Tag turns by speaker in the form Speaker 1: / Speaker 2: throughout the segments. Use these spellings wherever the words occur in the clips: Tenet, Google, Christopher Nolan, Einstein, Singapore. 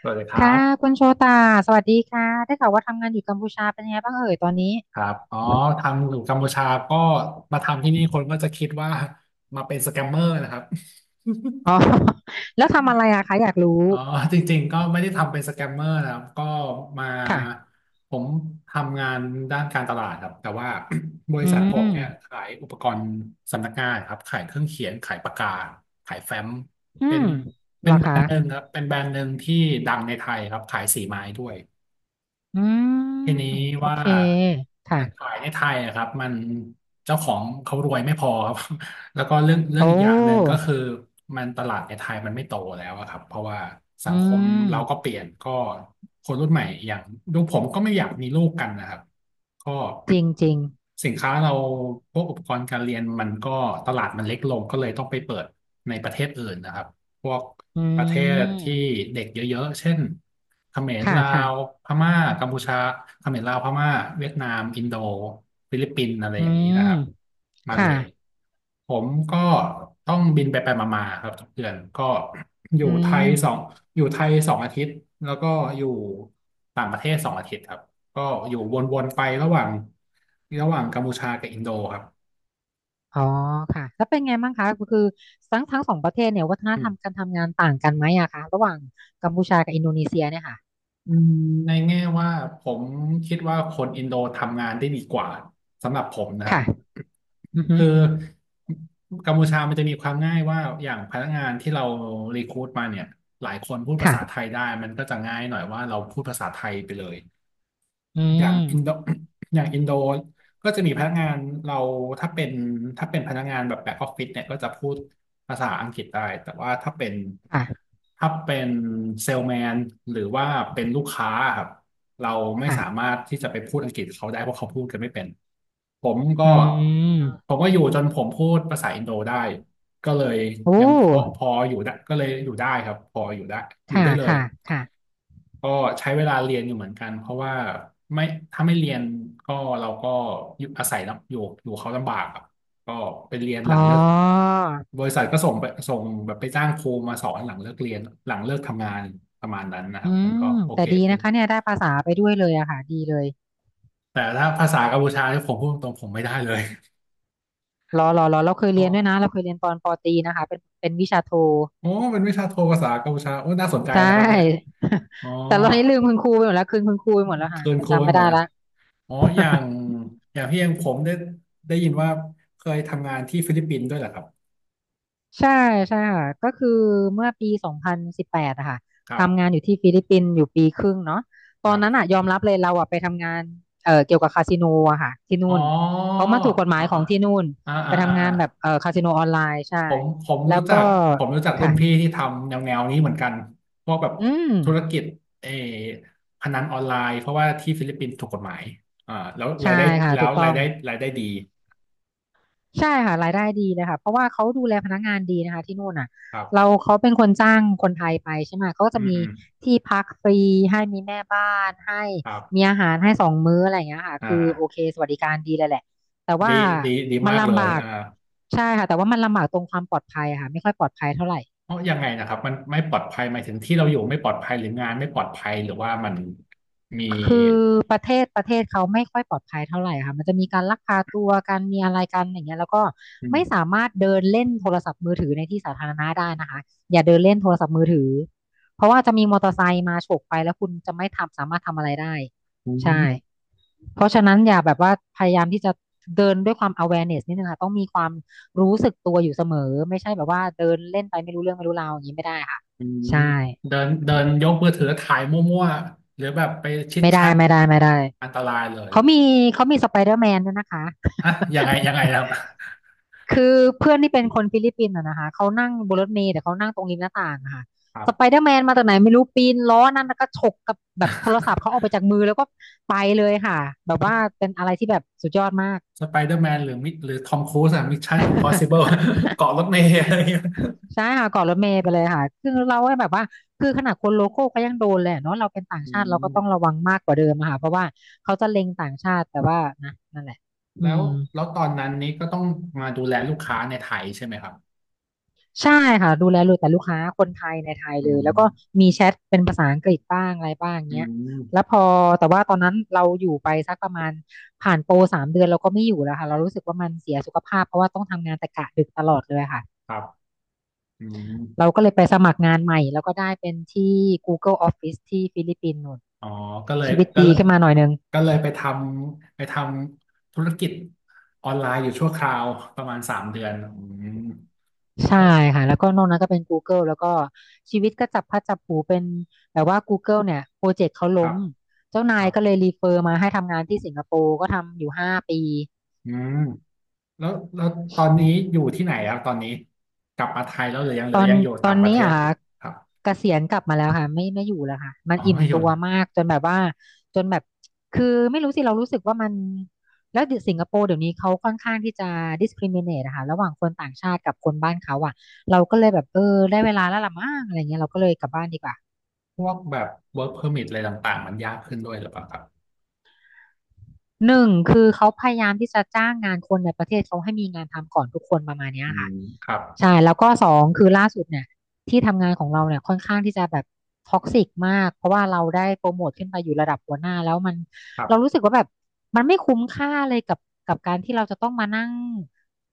Speaker 1: สวัสดีครั
Speaker 2: ค่ะ
Speaker 1: บ
Speaker 2: คุณโชตาสวัสดีค่ะได้ข่าวว่าทำงานอยู่กัมพูชาเป็นยังไงบ้างเอ่ยตอนนี้
Speaker 1: ครับอ๋อทางอยู่กัมพูชาก็มาทำที่นี่คนก็จะคิดว่ามาเป็นสแกมเมอร์นะครับ
Speaker 2: อ๋อ แล้วทำอะไรอะคะอยากรู้
Speaker 1: อ๋อจริงๆก็ไม่ได้ทำเป็นสแกมเมอร์นะครับก็มา
Speaker 2: ค่ะ
Speaker 1: ผมทำงานด้านการตลาดครับแต่ว่า บริ
Speaker 2: อื
Speaker 1: ษัทผม
Speaker 2: ม
Speaker 1: เนี่ยขายอุปกรณ์สำนักงานครับขายเครื่องเขียนขายปากกาขายแฟ้ม
Speaker 2: อื
Speaker 1: เป็
Speaker 2: ม
Speaker 1: น
Speaker 2: เห
Speaker 1: เป็
Speaker 2: ร
Speaker 1: น
Speaker 2: อ
Speaker 1: แบร
Speaker 2: คะ
Speaker 1: นด์หนึ่งครับเป็นแบรนด์หนึ่งที่ดังในไทยครับขายสีไม้ด้วย
Speaker 2: อืม
Speaker 1: ทีนี้
Speaker 2: โอ
Speaker 1: ว่า
Speaker 2: เคค่ะ
Speaker 1: ขายในไทยอะครับมันเจ้าของเขารวยไม่พอครับ แล้วก็เรื่องเรื่
Speaker 2: โอ
Speaker 1: องอีกอย่างหนึ่งก็
Speaker 2: ้
Speaker 1: คือมันตลาดในไทยมันไม่โตแล้วอะครับเพราะว่าสั
Speaker 2: อื
Speaker 1: งคม
Speaker 2: ม
Speaker 1: เราก็เปลี่ยนก็คนรุ่นใหม่อย่างลูกผมก็ไม่อยากมีลูกกันนะครับก็
Speaker 2: จริงจริง
Speaker 1: สินค้าเราพวกอุปกรณ์การเรียนมันก็ตลาดมันเล็กลงก็เลยต้องไปเปิดในประเทศอื่นนะครับพวก
Speaker 2: อื
Speaker 1: ประเทศที่
Speaker 2: ม
Speaker 1: เด็กเยอะๆเช่น เขมร
Speaker 2: ค่ะ
Speaker 1: ลา
Speaker 2: ค่ะ
Speaker 1: วพม่ากัมพูชาเขมรลาวพม่าเวียดนามอินโดฟิลิปปินส์อะไร
Speaker 2: อื
Speaker 1: อย่างนี้
Speaker 2: ม
Speaker 1: นะครับมาเล
Speaker 2: ค่ะ
Speaker 1: ยผมก็ต้องบินไปมาๆครับทุกเดือนก็อยู่
Speaker 2: อื
Speaker 1: ไทยสอง
Speaker 2: ม
Speaker 1: อยู่ไทยสองอาทิตย์แล้วก็อยู่ต่างประเทศสองอาทิตย์ครับก็อยู่วนๆไประหว่างกัมพูชากับอินโดครับ
Speaker 2: อ๋อค่ะแล้วเป็นไงบ้างคะก็คือทั้งสองประเทศเนี่ยวัฒน
Speaker 1: อื
Speaker 2: ธร
Speaker 1: ม
Speaker 2: รมการทำงานต่างกันไหมอะคะระหว่างกัมพูชากับอินโดนีเซียเนี่ยค่ะ
Speaker 1: อืมในแง่ว่าผมคิดว่าคนอินโดทำงานได้ดีกว่าสำหรับผมนะครับ
Speaker 2: ค่ะอือฮึ
Speaker 1: คือกัมพูชามันจะมีความง่ายว่าอย่างพนักงานที่เรารีครูทมาเนี่ยหลายคนพูดภาษาไทย
Speaker 2: ค่ะ
Speaker 1: ได้มันก็จะง่ายหน่อยว่าเราพูดภาษาไทยไปเลย
Speaker 2: อื
Speaker 1: อย่างอินโด
Speaker 2: ม
Speaker 1: อย่างอินโดก็จะมีพนักงานเราถ้าเป็นถ้าเป็นพนักงานแบบแบ็กออฟฟิศเนี่ยก็จะพูดภาษาอังกฤษได้แต่ว่าถ้าเป็น
Speaker 2: ค่ะ
Speaker 1: ถ้าเป็นเซลแมนหรือว่าเป็นลูกค้าครับเราไม่สามา
Speaker 2: ค่ะ
Speaker 1: รถที่จะไปพูดอังกฤษกับเขาได้เพราะเขาพูดกันไม่เป็นผมก็
Speaker 2: อืม
Speaker 1: ผมก็อยู่จนผมพูดภาษาอินโดได้ก็เลย
Speaker 2: โอ้
Speaker 1: ยังพออยู่ได้ก็เลยอยู่ได้ครับพออยู่ได้อยู่
Speaker 2: ค่ะ
Speaker 1: ได้เลย
Speaker 2: ค่ะค่ะ
Speaker 1: ก็ใช้เวลาเรียนอยู่เหมือนกันเพราะว่าไม่ถ้าไม่เรียนก็เราก็อยู่อาศัยลำอยู่อยู่เขาลำบากอะก็ไปเรียนห
Speaker 2: อ๋
Speaker 1: ลั
Speaker 2: อ
Speaker 1: งเลิกบริษัทก็ส่งแบบไปจ้างครูมาสอนหลังเลิกเรียนหลังเลิกทำงานประมาณนั้นนะค
Speaker 2: อื
Speaker 1: รับมันก็
Speaker 2: ม
Speaker 1: โอ
Speaker 2: แต่
Speaker 1: เค
Speaker 2: ดี
Speaker 1: ขึ้
Speaker 2: นะ
Speaker 1: น
Speaker 2: คะเนี่ยได้ภาษาไปด้วยเลยอะค่ะดีเลย
Speaker 1: แต่ถ้าภาษากัมพูชาที่ยผมพูดตรงๆผมไม่ได้เลย
Speaker 2: รอรอรอเราเคย
Speaker 1: เพ
Speaker 2: เรียน
Speaker 1: ราะ
Speaker 2: ด้วยนะเราเคยเรียนตอนปอตรีนะคะเป็นวิชาโท
Speaker 1: โอ้เป็นวิชาโทภาษากัมพูชาโอ้น่าสนใจ
Speaker 2: ใช่
Speaker 1: นะครับเนี่ยอ๋อ
Speaker 2: แต่ตอนนี้ลืมคุณครูไปหมดแล้วคืนคุณครูไปหมดแล้วค่ะ
Speaker 1: เคินโคไป
Speaker 2: จำไม่
Speaker 1: หม
Speaker 2: ได้
Speaker 1: ดนะ
Speaker 2: ละ
Speaker 1: อ๋ออย่าง อย่างพี่เองผมได้ยินว่าเคยทำงานที่ฟิลิปปินส์ด้วยเหรอครับ
Speaker 2: ใช่ใช่ค่ะก็คือเมื่อปี2018อะค่ะ
Speaker 1: ครั
Speaker 2: ทำงาน
Speaker 1: บ
Speaker 2: อยู่ที่ฟิลิปปินส์อยู่ปีครึ่งเนาะต
Speaker 1: ค
Speaker 2: อน
Speaker 1: รั
Speaker 2: นั้น
Speaker 1: บ
Speaker 2: อะยอมรับเลยเราอะไปทำงานเกี่ยวกับคาสิโนอะค่ะที่นู่
Speaker 1: อ๋อ
Speaker 2: น
Speaker 1: อ๋
Speaker 2: เพ
Speaker 1: อ
Speaker 2: ราะมันถูกกฎหมา
Speaker 1: อ๋
Speaker 2: ย
Speaker 1: อ
Speaker 2: ของที่นู่น
Speaker 1: อ่า
Speaker 2: ไป
Speaker 1: อ่า
Speaker 2: ทำ
Speaker 1: อ่า
Speaker 2: งานแบบคาสิโนออนไลน์ใช่
Speaker 1: ผม
Speaker 2: แล้
Speaker 1: รู้
Speaker 2: ว
Speaker 1: จั
Speaker 2: ก็
Speaker 1: กผมรู้จักรุ่
Speaker 2: ค่ะ
Speaker 1: นพี่ที่ทำแนวนี้เหมือนกันพวกแบบ
Speaker 2: อืม
Speaker 1: ธุรกิจเออพนันออนไลน์เพราะว่าที่ฟิลิปปินส์ถูกกฎหมายอ่าแล้ว
Speaker 2: ใช่
Speaker 1: รายได้
Speaker 2: ค่ะ
Speaker 1: แล้
Speaker 2: ถู
Speaker 1: ว
Speaker 2: กต้อ
Speaker 1: ราย
Speaker 2: ง
Speaker 1: ได้รายได้ดี
Speaker 2: ใช่ค่ะรายได้ดีเลยค่ะเพราะว่าเขาดูแลพนักงานดีนะคะที่นู่นอ่ะ
Speaker 1: ครั
Speaker 2: เรา
Speaker 1: บ
Speaker 2: เขาเป็นคนจ้างคนไทยไปใช่ไหมเขาก็
Speaker 1: อื
Speaker 2: จะ
Speaker 1: ม
Speaker 2: มี
Speaker 1: อืม
Speaker 2: ที่พักฟรีให้มีแม่บ้านให้
Speaker 1: ครั
Speaker 2: มี
Speaker 1: บ
Speaker 2: อาหารให้2 มื้ออะไรอย่างเงี้ยค่ะ
Speaker 1: อ
Speaker 2: คือโอ
Speaker 1: ่า
Speaker 2: เคสวัสดิการดีเลยแหละแต่
Speaker 1: ดี
Speaker 2: ว่า
Speaker 1: ดีดี
Speaker 2: มัน
Speaker 1: มากเล
Speaker 2: ลำบา
Speaker 1: ย
Speaker 2: ก
Speaker 1: อ่า
Speaker 2: ใช่ค่ะแต่ว่ามันลำบากตรงความปลอดภัยอะค่ะไม่ค่อยปลอดภัยเท่าไหร่
Speaker 1: เพราะยังไงนะครับมันไม่ปลอดภัยหมายถึงที่เราอยู่ไม่ปลอดภัยหรืองานไม่ปลอดภัยหรือว่ามันมี
Speaker 2: คือประเทศเขาไม่ค่อยปลอดภัยเท่าไหร่ค่ะมันจะมีการลักพาตัวการมีอะไรกันอย่างเงี้ยแล้วก็
Speaker 1: อื
Speaker 2: ไม่สา
Speaker 1: ม
Speaker 2: มารถเดินเล่นโทรศัพท์มือถือในที่สาธารณะได้นะคะอย่าเดินเล่นโทรศัพท์มือถือเพราะว่าจะมีมอเตอร์ไซค์มาฉกไปแล้วคุณจะไม่สามารถทำอะไรได้
Speaker 1: อื
Speaker 2: ใช่
Speaker 1: ม
Speaker 2: เพราะฉะนั้นอย่าแบบว่าพยายามที่จะเดินด้วยความ awareness นิดนึงค่ะต้องมีความรู้สึกตัวอยู่เสมอไม่ใช่แบบว่าเดินเล่นไปไม่รู้เรื่องไม่รู้ราวอย่างนี้ไม่ได้ค่ะ
Speaker 1: อืม
Speaker 2: ใช่
Speaker 1: เดินเดินยกมือถือถ่ายมั่วๆหรือแบบไปชิด
Speaker 2: ไม่
Speaker 1: แช
Speaker 2: ได้
Speaker 1: ท
Speaker 2: ไม่ได้ไม่ได้
Speaker 1: อันตรายเลย
Speaker 2: เขามีเขามีสไปเดอร์แมนด้วยนะคะ
Speaker 1: อะยังไงยัง ไงครับ
Speaker 2: คือเพื่อนที่เป็นคนฟิลิปปินส์อะนะคะเขานั่งบนรถเมล์แต่เขานั่งตรงริมหน้าต่างอะค่ะ
Speaker 1: ครั
Speaker 2: สไป
Speaker 1: บ
Speaker 2: เดอร์แมนมาจากไหนไม่รู้ปีนล้อนั่นแล้วก็ฉกกับแบบโทรศัพท์เขาออกไปจากมือแล้วก็ไปเลยค่ะแบบว่า เป็นอะไรที่แบบสุดยอดมาก
Speaker 1: สไปเดอร์แมนหรือมิหรือทอมครูซอะมิชชั่นอิมพอสิ เบิลเกาะรถเมล์อะไรอย่างเงี้ย
Speaker 2: ใช่ค่ะเกาะรถเมล์ไปเลยค่ะคือเราให้แบบว่าคือขนาดคนโลโก้ก็ยังโดนเลยอะเนาะเราเป็นต่าง
Speaker 1: อื
Speaker 2: ชาติเราก็
Speaker 1: ม
Speaker 2: ต้องระวังมากกว่าเดิมอะค่ะเพราะว่าเขาจะเล็งต่างชาติแต่ว่านะนั่นแหละอื
Speaker 1: แล้ว
Speaker 2: ม
Speaker 1: แล้วตอนนั้นนี้ก็ต้องมาดูแลลูกค้าในไทยใช่ไหมครับ
Speaker 2: ใช่ค่ะดูแลเลยแต่ลูกค้าคนไทยในไทย
Speaker 1: อื
Speaker 2: เลยแล้วก็
Speaker 1: ม
Speaker 2: มีแชทเป็นภาษาอังกฤษบ้างอะไรบ้าง
Speaker 1: อื
Speaker 2: เงี้ย
Speaker 1: ม
Speaker 2: แล้วพอแต่ว่าตอนนั้นเราอยู่ไปสักประมาณผ่านโปร3 เดือนเราก็ไม่อยู่แล้วค่ะเรารู้สึกว่ามันเสียสุขภาพเพราะว่าต้องทำงานแต่กะดึกตลอดเลยค่ะ
Speaker 1: ครับอืม
Speaker 2: เราก็เลยไปสมัครงานใหม่แล้วก็ได้เป็นที่ Google Office ที่ฟิลิปปินส์นู่น
Speaker 1: อ๋อก็เลย
Speaker 2: ชีวิต
Speaker 1: ก็
Speaker 2: ดี
Speaker 1: เลย
Speaker 2: ขึ้นมาหน่อยนึง
Speaker 1: ก็เลยไปทำไปทำธุรกิจออนไลน์อยู่ชั่วคราวประมาณสามเดือนอืม
Speaker 2: ใช่
Speaker 1: โอ้
Speaker 2: ค่ะแล้วก็นอกนั้นก็เป็น Google แล้วก็ชีวิตก็จับพลัดจับผลูเป็นแบบว่า Google เนี่ยโปรเจกต์เขา
Speaker 1: ค
Speaker 2: ล้
Speaker 1: รั
Speaker 2: ม
Speaker 1: บ
Speaker 2: เจ้านา
Speaker 1: ค
Speaker 2: ย
Speaker 1: รับ
Speaker 2: ก็เลยรีเฟอร์มาให้ทำงานที่สิงคโปร์ก็ทำอยู่5 ปี
Speaker 1: อืมแล้วแล้วตอนนี้อยู่ที่ไหนครับตอนนี้กลับมาไทยแล้วหรือยังห
Speaker 2: ต
Speaker 1: รือ
Speaker 2: อน
Speaker 1: ยังอยู่
Speaker 2: ตอ
Speaker 1: ต่า
Speaker 2: น
Speaker 1: งประเท
Speaker 2: นี้
Speaker 1: ศ
Speaker 2: อ่ะ
Speaker 1: อยู่ครับ
Speaker 2: เกษียณกลับมาแล้วค่ะไม่ไม่อยู่แล้วค่ะมัน
Speaker 1: อ๋อ
Speaker 2: อิ่ม
Speaker 1: ไม่อยู่
Speaker 2: ตัว
Speaker 1: นะ
Speaker 2: มากจนแบบว่าจนแบบคือไม่รู้สิเรารู้สึกว่ามันแล้วเดี๋ยวสิงคโปร์เดี๋ยวนี้เขาค่อนข้างที่จะ discriminate นะคะระหว่างคนต่างชาติกับคนบ้านเขาอ่ะเราก็เลยแบบเออได้เวลาแล้วล่ะมั้งอะไรเงี้ยเราก็เลยกลับบ้านดีกว่า
Speaker 1: พวกแบบ work permit อะไรต่างๆมันยากขึ้นด้วยหรือเปล่าครับ
Speaker 2: หนึ่งคือเขาพยายามที่จะจ้างงานคนในประเทศเขาให้มีงานทำก่อนทุกคนประมาณเนี้ย
Speaker 1: อืม
Speaker 2: ค่ะ
Speaker 1: ครับ
Speaker 2: ใช่แล้วก็สองคือล่าสุดเนี่ยที่ทำงานของเราเนี่ยค่อนข้างที่จะแบบท็อกซิกมากเพราะว่าเราได้โปรโมทขึ้นไปอยู่ระดับหัวหน้าแล้วมัน
Speaker 1: ครั
Speaker 2: เรารู้
Speaker 1: บ
Speaker 2: สึกว่าแบบมันไม่คุ้มค่าเลยกับการที่เราจะต้องมานั่ง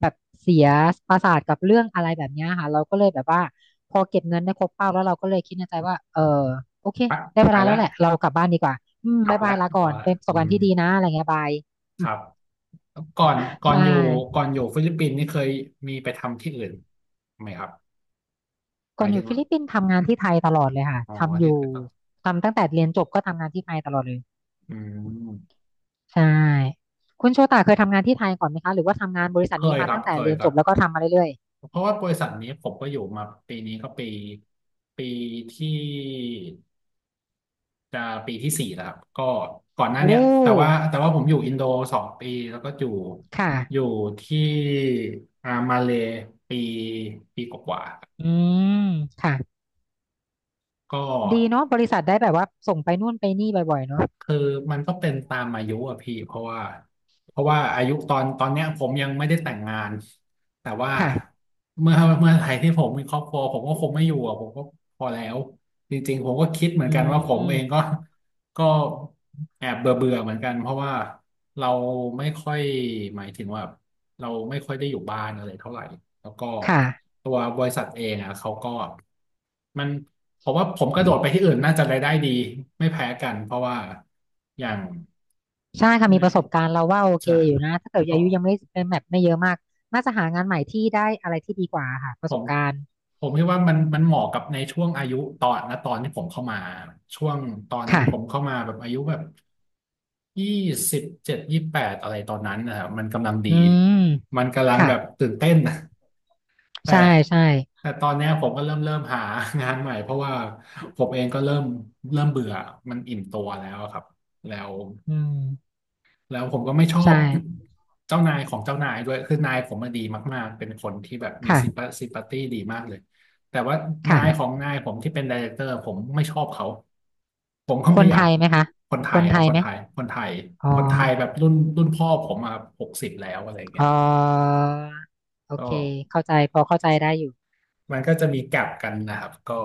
Speaker 2: แบบเสียประสาทกับเรื่องอะไรแบบเนี้ยค่ะเราก็เลยแบบว่าพอเก็บเงินได้ครบเป้าแล้วเราก็เลยคิดในใจว่าเออโอเค
Speaker 1: ไป
Speaker 2: ได้เว
Speaker 1: ไป
Speaker 2: ลา
Speaker 1: แล้
Speaker 2: แล้
Speaker 1: ว
Speaker 2: วแหละเรากลับบ้านดีกว่าอืม
Speaker 1: กลับ
Speaker 2: บายบา
Speaker 1: แล้
Speaker 2: ย
Speaker 1: ว
Speaker 2: ลาก่
Speaker 1: พ
Speaker 2: อ
Speaker 1: อ
Speaker 2: น
Speaker 1: แล้ว
Speaker 2: เป็นประส
Speaker 1: อื
Speaker 2: บการ
Speaker 1: ม
Speaker 2: ณ์ที่ดีนะอะไรเงี้ยบาย
Speaker 1: ครับ ก่อนก่อ
Speaker 2: ใช่
Speaker 1: นอยู่ก่อนอยู่ฟิลิปปินส์นี่เคยมีไปทำที่อื่นไหมครับห
Speaker 2: ก่อ
Speaker 1: มา
Speaker 2: น
Speaker 1: ย
Speaker 2: อ
Speaker 1: ถึ
Speaker 2: ยู่
Speaker 1: ง
Speaker 2: ฟิ
Speaker 1: ว่า
Speaker 2: ลิปปินส์ทำงานที่ไทยตลอดเลยค่ะ
Speaker 1: อ๋อ
Speaker 2: ทำอ
Speaker 1: ที่
Speaker 2: ยู่
Speaker 1: เคยต้อง
Speaker 2: ทำตั้งแต่เรียนจบก็ทำงานที่ไทยตลอดเลย
Speaker 1: อืม
Speaker 2: ใช่คุณโชตาเคยทำงานที่ไทยก่อนไหมคะหรือว่าทำงานบริษั
Speaker 1: เค
Speaker 2: ทนี้
Speaker 1: ย
Speaker 2: มา
Speaker 1: ครั
Speaker 2: ตั้
Speaker 1: บ
Speaker 2: งแต่
Speaker 1: เคย
Speaker 2: เรียน
Speaker 1: ค
Speaker 2: จ
Speaker 1: รั
Speaker 2: บแล้วก็
Speaker 1: บ
Speaker 2: ทำมาเรื่อย
Speaker 1: เพราะว่าบริษัทนี้ผมก็อยู่มาปีนี้ก็ปีที่จะปีที่สี่แล้วครับก็ก่อนห
Speaker 2: ๆ
Speaker 1: น้า
Speaker 2: โอ้
Speaker 1: เนี้ยแต่ว่าผมอยู่อินโดสองปีแล้วก็อยู่
Speaker 2: ค่ะ
Speaker 1: อยู่ที่อ่ามาเลย์ปีปีกว่าๆ
Speaker 2: อืมค่ะ
Speaker 1: ก็
Speaker 2: ดีเนาะบริษัทได้แบบว่าส่งไปนู่นไปนี่บ่อยๆเนาะ
Speaker 1: คือมันก็เป็นตามอายุอะพี่เพราะว่าอายุตอนเนี้ยผมยังไม่ได้แต่งงานแต่ว่า
Speaker 2: ค่ะ
Speaker 1: เมื่อไหร่ที่ผมมีครอบครัวผมก็คงไม่อยู่อะผมก็พอแล้วจริงๆผมก็คิดเหมือ
Speaker 2: อื
Speaker 1: นกันว่าผมเองก็
Speaker 2: ม
Speaker 1: ก็แอบเบื่อเบื่อเหมือนกันเพราะว่าเราไม่ค่อยหมายถึงว่า เราไม่ค่อยได้อยู่บ้านอะไรเท่าไหร่แล้วก็
Speaker 2: ค่ะ
Speaker 1: ตัวบริษัทเองอ่ะเขาก็มันผมว่าผมกระโดดไปที่อื่นน่าจะรายได้ดีไม่แพ้กันเพราะว่าอย่าง
Speaker 2: ใช่ค่ะ
Speaker 1: ใน
Speaker 2: มีประสบการณ์เราว่าโอเค
Speaker 1: ใช่
Speaker 2: อยู่นะถ้าเกิด
Speaker 1: ผ
Speaker 2: อา
Speaker 1: ม
Speaker 2: ยุยังไม่เป็นแบบไม่เยอะมากน่าจะหางานใหม่ที่ได้อะไรที่ดีกว่าค่ะป
Speaker 1: ผ
Speaker 2: ระส
Speaker 1: ม
Speaker 2: บการณ์
Speaker 1: ผมคิดว่ามันเหมาะกับในช่วงอายุตอนนะตอนที่ผมเข้ามาช่วงตอนนั้นผม
Speaker 2: ค่ะ
Speaker 1: เข้ามาแบบอายุแบบ2728อะไรตอนนั้นนะครับมันกำลังดี
Speaker 2: อืม
Speaker 1: มันกำลัง
Speaker 2: ค่ะ
Speaker 1: แบบตื่นเต้นนะ แต่
Speaker 2: ใช่ใช่
Speaker 1: แต่ตอนเนี้ยผมก็เริ่มหางานใหม่เพราะว่าผมเองก็เริ่มเบื่อมันอิ่มตัวแล้วอะครับแล้ว
Speaker 2: อืม
Speaker 1: แล้วผมก็ไม่ชอบ
Speaker 2: ใช่
Speaker 1: เจ้านายของเจ้านายด้วยคือนายผมมาดีมากๆเป็นคนที่แบบมี
Speaker 2: ค่ะ
Speaker 1: ซิมพัตตี้ดีมากเลยแต่ว่า
Speaker 2: ค่ะ
Speaker 1: นายของนายผมที่เป็นไดเรคเตอร์ผมไม่ชอบเขาผมก็
Speaker 2: ค
Speaker 1: ไม่
Speaker 2: น
Speaker 1: อยา
Speaker 2: ไท
Speaker 1: ก
Speaker 2: ยไหมคะ
Speaker 1: คนไท
Speaker 2: ค
Speaker 1: ย
Speaker 2: นไท
Speaker 1: เอา
Speaker 2: ยไหม
Speaker 1: คนไทย
Speaker 2: อ๋อ
Speaker 1: คนไทยแบบรุ่นพ่อผมมา60แล้วอะไรเงี้ย
Speaker 2: อ๋อโอ
Speaker 1: ก็
Speaker 2: เคเข้าใจพอเข้าใจได้อยู่
Speaker 1: มันก็จะมีแกลบกันนะครับก็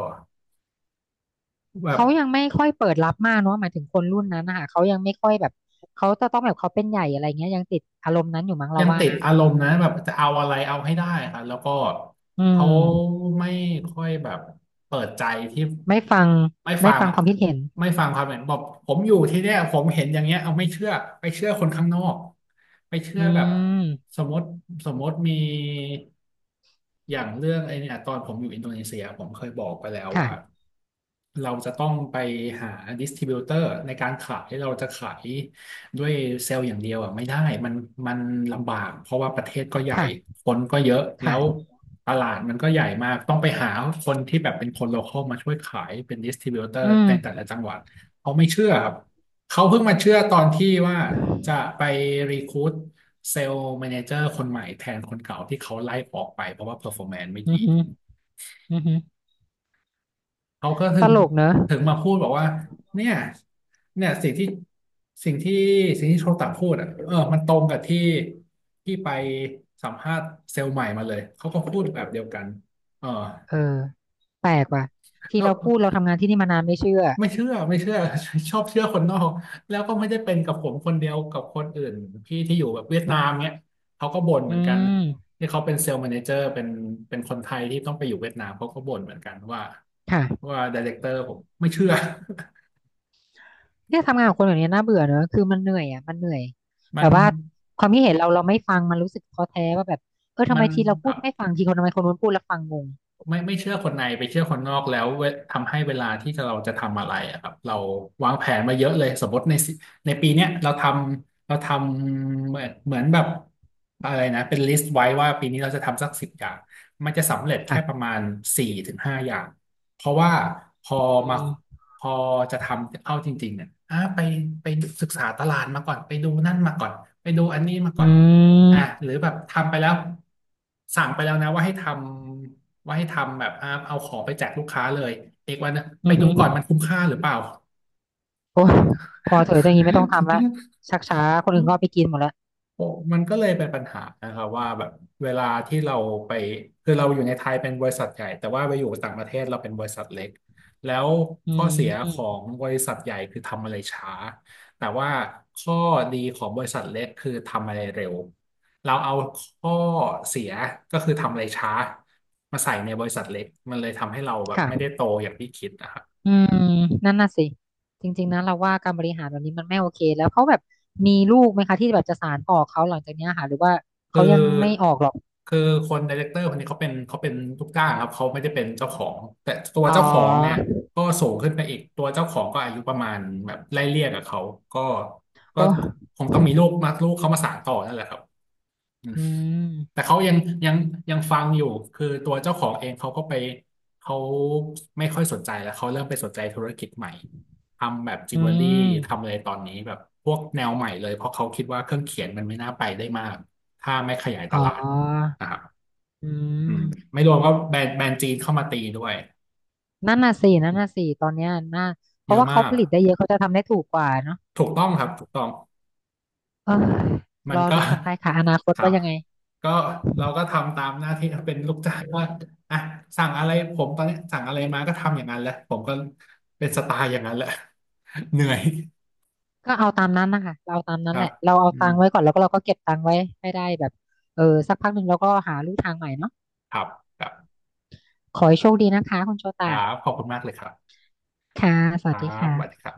Speaker 1: แบบ
Speaker 2: เขายังไม่ค่อยเปิดรับมากเนาะหมายถึงคนรุ่นนั้นนะคะเขายังไม่ค่อยแบบเขาจะต้องแบบเขาเป็นใหญ่อะไรเงี้ยยังติดอารมณ์นั้นอยู่มั้งเรา
Speaker 1: ยัง
Speaker 2: ว่า
Speaker 1: ติด
Speaker 2: นะ
Speaker 1: อารมณ์นะแบบจะเอาอะไรเอาให้ได้ครับแล้วก็
Speaker 2: อื
Speaker 1: เขา
Speaker 2: ม
Speaker 1: ไม่ค่อยแบบเปิดใจที่
Speaker 2: ไม่ฟัง
Speaker 1: ไม่
Speaker 2: ไม่
Speaker 1: ฟัง
Speaker 2: ฟัง
Speaker 1: อะ
Speaker 2: ความคิดเห็น
Speaker 1: ไม่ฟังความเห็นบอกผมอยู่ที่เนี่ยผมเห็นอย่างเงี้ยเอาไม่เชื่อไปเชื่อคนข้างนอกไปเชื่
Speaker 2: อื
Speaker 1: อแบบ
Speaker 2: ม
Speaker 1: สมมติสมมติมีอย่างเรื่องไอ้เนี่ยตอนผมอยู่อินโดนีเซียผมเคยบอกไปแล้วว่า
Speaker 2: ค่ะ
Speaker 1: เราจะต้องไปหาดิส t r บิ u เตอร์ในการขายเราจะขาย ด้วยเซลล์อย่างเดียวอ่ะไม่ได้มันมันลำบากเพราะว่าประเทศก็ใหญ่
Speaker 2: ค่ะ
Speaker 1: คนก็เยอะแล้ว
Speaker 2: ค่ะ
Speaker 1: ตลาดมันก็ใหญ่มากต้องไปหาคนที่แบบเป็นคนโลคอลมาช่วยขายเป็นดิส t r บิ u เตอ
Speaker 2: อื
Speaker 1: ร์ในแต่
Speaker 2: ม
Speaker 1: ละจังหวัดเขาไม่เชื่อครับเขาเพิ่งมาเชื่อตอนที่ว่าจะไปรีคู u เซลล์แมเนเจอร์คนใหม่แทนคนเก่าที่เขาไล่ออกไปเพราะว่าเพอร์ฟอร์แมนซ์ไม่
Speaker 2: อื
Speaker 1: ดี
Speaker 2: อหืออือหือ
Speaker 1: เขาก็ถึ
Speaker 2: ต
Speaker 1: ง
Speaker 2: ลกเนอะ
Speaker 1: ถึงมาพูดบอกว่าเนี่ยเนี่ยสิ่งที่สิ่งที่โชตะพูดอ่ะเออมันตรงกับที่ที่ไปสัมภาษณ์เซลล์ใหม่มาเลยเขาก็พูดแบบเดียวกันเออ
Speaker 2: เออแปลกว่ะที่
Speaker 1: แล้ว
Speaker 2: เราพูดเราทำงานที่นี่มานานไม่เชื่อ
Speaker 1: ไม่เชื่อ ชอบเชื่อคนนอกแล้วก็ไม่ได้เป็นกับผมคนเดียวกับคนอื่นพี่ที่อยู่แบบเวียดนามเนี่ยเขาก็บ่นเห
Speaker 2: อื
Speaker 1: มือนกัน
Speaker 2: ม
Speaker 1: ที่เขาเป็นเซลล์แมเนเจอร์เป็นคนไทยที่ต้องไปอยู่เวียดนามเขาก็บ่นเหมือนกัน
Speaker 2: ค่ะ
Speaker 1: ว่าไดเรคเตอร์ผมไม่เชื่อ
Speaker 2: เนี่ยทำงานกับคนแบบนี้น่าเบื่อเนอะคือมันเหนื่อยอ่ะมันเหนื่อย
Speaker 1: มั
Speaker 2: แบ
Speaker 1: น
Speaker 2: บว่าความคิดเห็นเราเราไม่ฟังมันรู้สึกท้อแท้ว่าแบบเออทำ
Speaker 1: มั
Speaker 2: ไม
Speaker 1: น
Speaker 2: ทีเรา
Speaker 1: ค
Speaker 2: พู
Speaker 1: รั
Speaker 2: ด
Speaker 1: บ
Speaker 2: ไม่ฟังทีคนทำไมคนนู้นพูดแล้วฟังงง
Speaker 1: ไม่เชื่อคนในไปเชื่อคนนอกแล้วเวทำให้เวลาที่เราจะทำอะไรอะครับเราวางแผนมาเยอะเลยสมมติในสิในปีเนี้ยเราทำเหมือนแบบอะไรนะเป็นลิสต์ไว้ว่าปีนี้เราจะทำสักสิบอย่างมันจะสำเร็จแค่
Speaker 2: ค่ะ
Speaker 1: ประมาณ4-5อย่างเพราะว่าพอ
Speaker 2: อื
Speaker 1: มา
Speaker 2: ม
Speaker 1: พอจะทำเอาจริงๆเนี่ยอ่ะไปศึกษาตลาดมาก่อนไปดูนั่นมาก่อนไปดูอันนี้มาก่
Speaker 2: อื
Speaker 1: อน
Speaker 2: ม
Speaker 1: อ่ะหรือแบบทำไปแล้วสั่งไปแล้วนะว่าให้ทำ ว่าให้ทำแบบอ่าเอาของไปแจกลูกค้าเลย เอกวันนะไป
Speaker 2: อือ
Speaker 1: ดู
Speaker 2: หือ
Speaker 1: ก่อนมันคุ้มค่าหรือเปล่า
Speaker 2: โอ้ยพอเถอะอย่างนี้ไม่ต้องทำละชักช้าคนอื่นก็เอาไปกินหมดละ
Speaker 1: โอ้มันก็เลยเป็นปัญหานะครับว่าแบบเวลาที่เราไปคือเราอยู่ในไทยเป็นบริษัทใหญ่แต่ว่าไปอยู่ต่างประเทศเราเป็นบริษัทเล็กแล้ว
Speaker 2: อื
Speaker 1: ข้อเสียขอ
Speaker 2: ม
Speaker 1: งบริษัทใหญ่คือทำอะไรช้าแต่ว่าข้อดีของบริษัทเล็กคือทำอะไรเร็วเราเอาข้อเสียก็คือทำอะไรช้ามาใส่ในบริษัทเล็กมันเลยทำให้เราแบบไม่ได้
Speaker 2: ค่ะ
Speaker 1: โตอย่างที่คิดนะครับ
Speaker 2: อืมนั่นน่ะสิจริงๆนะเราว่าการบริหารแบบนี้มันไม่โอเคแล้วเขาแบบมีลูกไหมคะที่แบบจะสานต่อเขาหลังจากเนี้ยค่ะหรือว่าเขา
Speaker 1: คือ
Speaker 2: ยังไม่ออกหรอก
Speaker 1: คือคนไดเรคเตอร์คนนี้เขาเป็นลูกจ้างครับเขาไม่ได้เป็นเจ้าของแต่ตัว
Speaker 2: อ๋อ
Speaker 1: เจ้าของเนี่ยก็สูงขึ้นไปอีกตัวเจ้าของก็อายุประมาณแบบไล่เลี่ยกับเขาก็ก็
Speaker 2: โอ้
Speaker 1: คงต้องมีลูกมาลูกเขามาสานต่อนั่นแหละครับ
Speaker 2: อืม
Speaker 1: แต่เขายังยังฟังอยู่คือตัวเจ้าของเองเขาก็ไปเขาไม่ค่อยสนใจแล้วเขาเริ่มไปสนใจธุรกิจใหม่ทำแบบจิ
Speaker 2: อื
Speaker 1: วเวลรี่
Speaker 2: ม
Speaker 1: ทำอะไรตอนนี้แบบพวกแนวใหม่เลยเพราะเขาคิดว่าเครื่องเขียนมันไม่น่าไปได้มากถ้าไม่ขยายต
Speaker 2: อ๋
Speaker 1: ลาด
Speaker 2: อ
Speaker 1: นะครับ
Speaker 2: อื
Speaker 1: อืม
Speaker 2: ม
Speaker 1: ไม่รวมว่าแบรนด์จีนเข้ามาตีด้วย
Speaker 2: นั่นน่ะสินั่นน่ะสิตอนเนี้ยน่าเพ
Speaker 1: เย
Speaker 2: ราะ
Speaker 1: อะ
Speaker 2: ว่า
Speaker 1: มา
Speaker 2: เขา
Speaker 1: ก
Speaker 2: ผลิตได้เยอะเขาจะทำได้ถูกกว่าเนาะ
Speaker 1: ถูกต้องครับถูกต้อง
Speaker 2: เออ
Speaker 1: มั
Speaker 2: ร
Speaker 1: น
Speaker 2: อ
Speaker 1: ก็
Speaker 2: ดูกันไปค่ะอนาค ต
Speaker 1: ครั
Speaker 2: ว่า
Speaker 1: บ
Speaker 2: ยังไง
Speaker 1: ก็เราก็ทำตามหน้าที่ เป็นลูกจ้างว่าอ่ะสั่งอะไรผมตอนนี้สั่งอะไรมาก็ทำอย่างนั้นแหละผมก็เป็นสไตล์อย่างนั้นแหละ เหนื่อย
Speaker 2: ก็เอาตามนั้นนะคะ เราเอาตาม
Speaker 1: ค
Speaker 2: นั้นแห
Speaker 1: รับ
Speaker 2: ละเราเอา
Speaker 1: อื
Speaker 2: ตั
Speaker 1: ม
Speaker 2: งค์ไว้ก่อนแล้วก็เราก็เก็บตังค์ไว้ให้ได้แบบเออสักพักหนึ่งเราก็หาลู่ทางใหม่เนาะ
Speaker 1: ครับครับ
Speaker 2: ขอให้โชคดีนะคะคุณโช
Speaker 1: ครั
Speaker 2: ตะ
Speaker 1: บขอบคุณมากเลยครับ
Speaker 2: ค่ะ ส
Speaker 1: ค
Speaker 2: วัส
Speaker 1: รั
Speaker 2: ดี
Speaker 1: บสวัสดีค
Speaker 2: ค่ะ
Speaker 1: รับ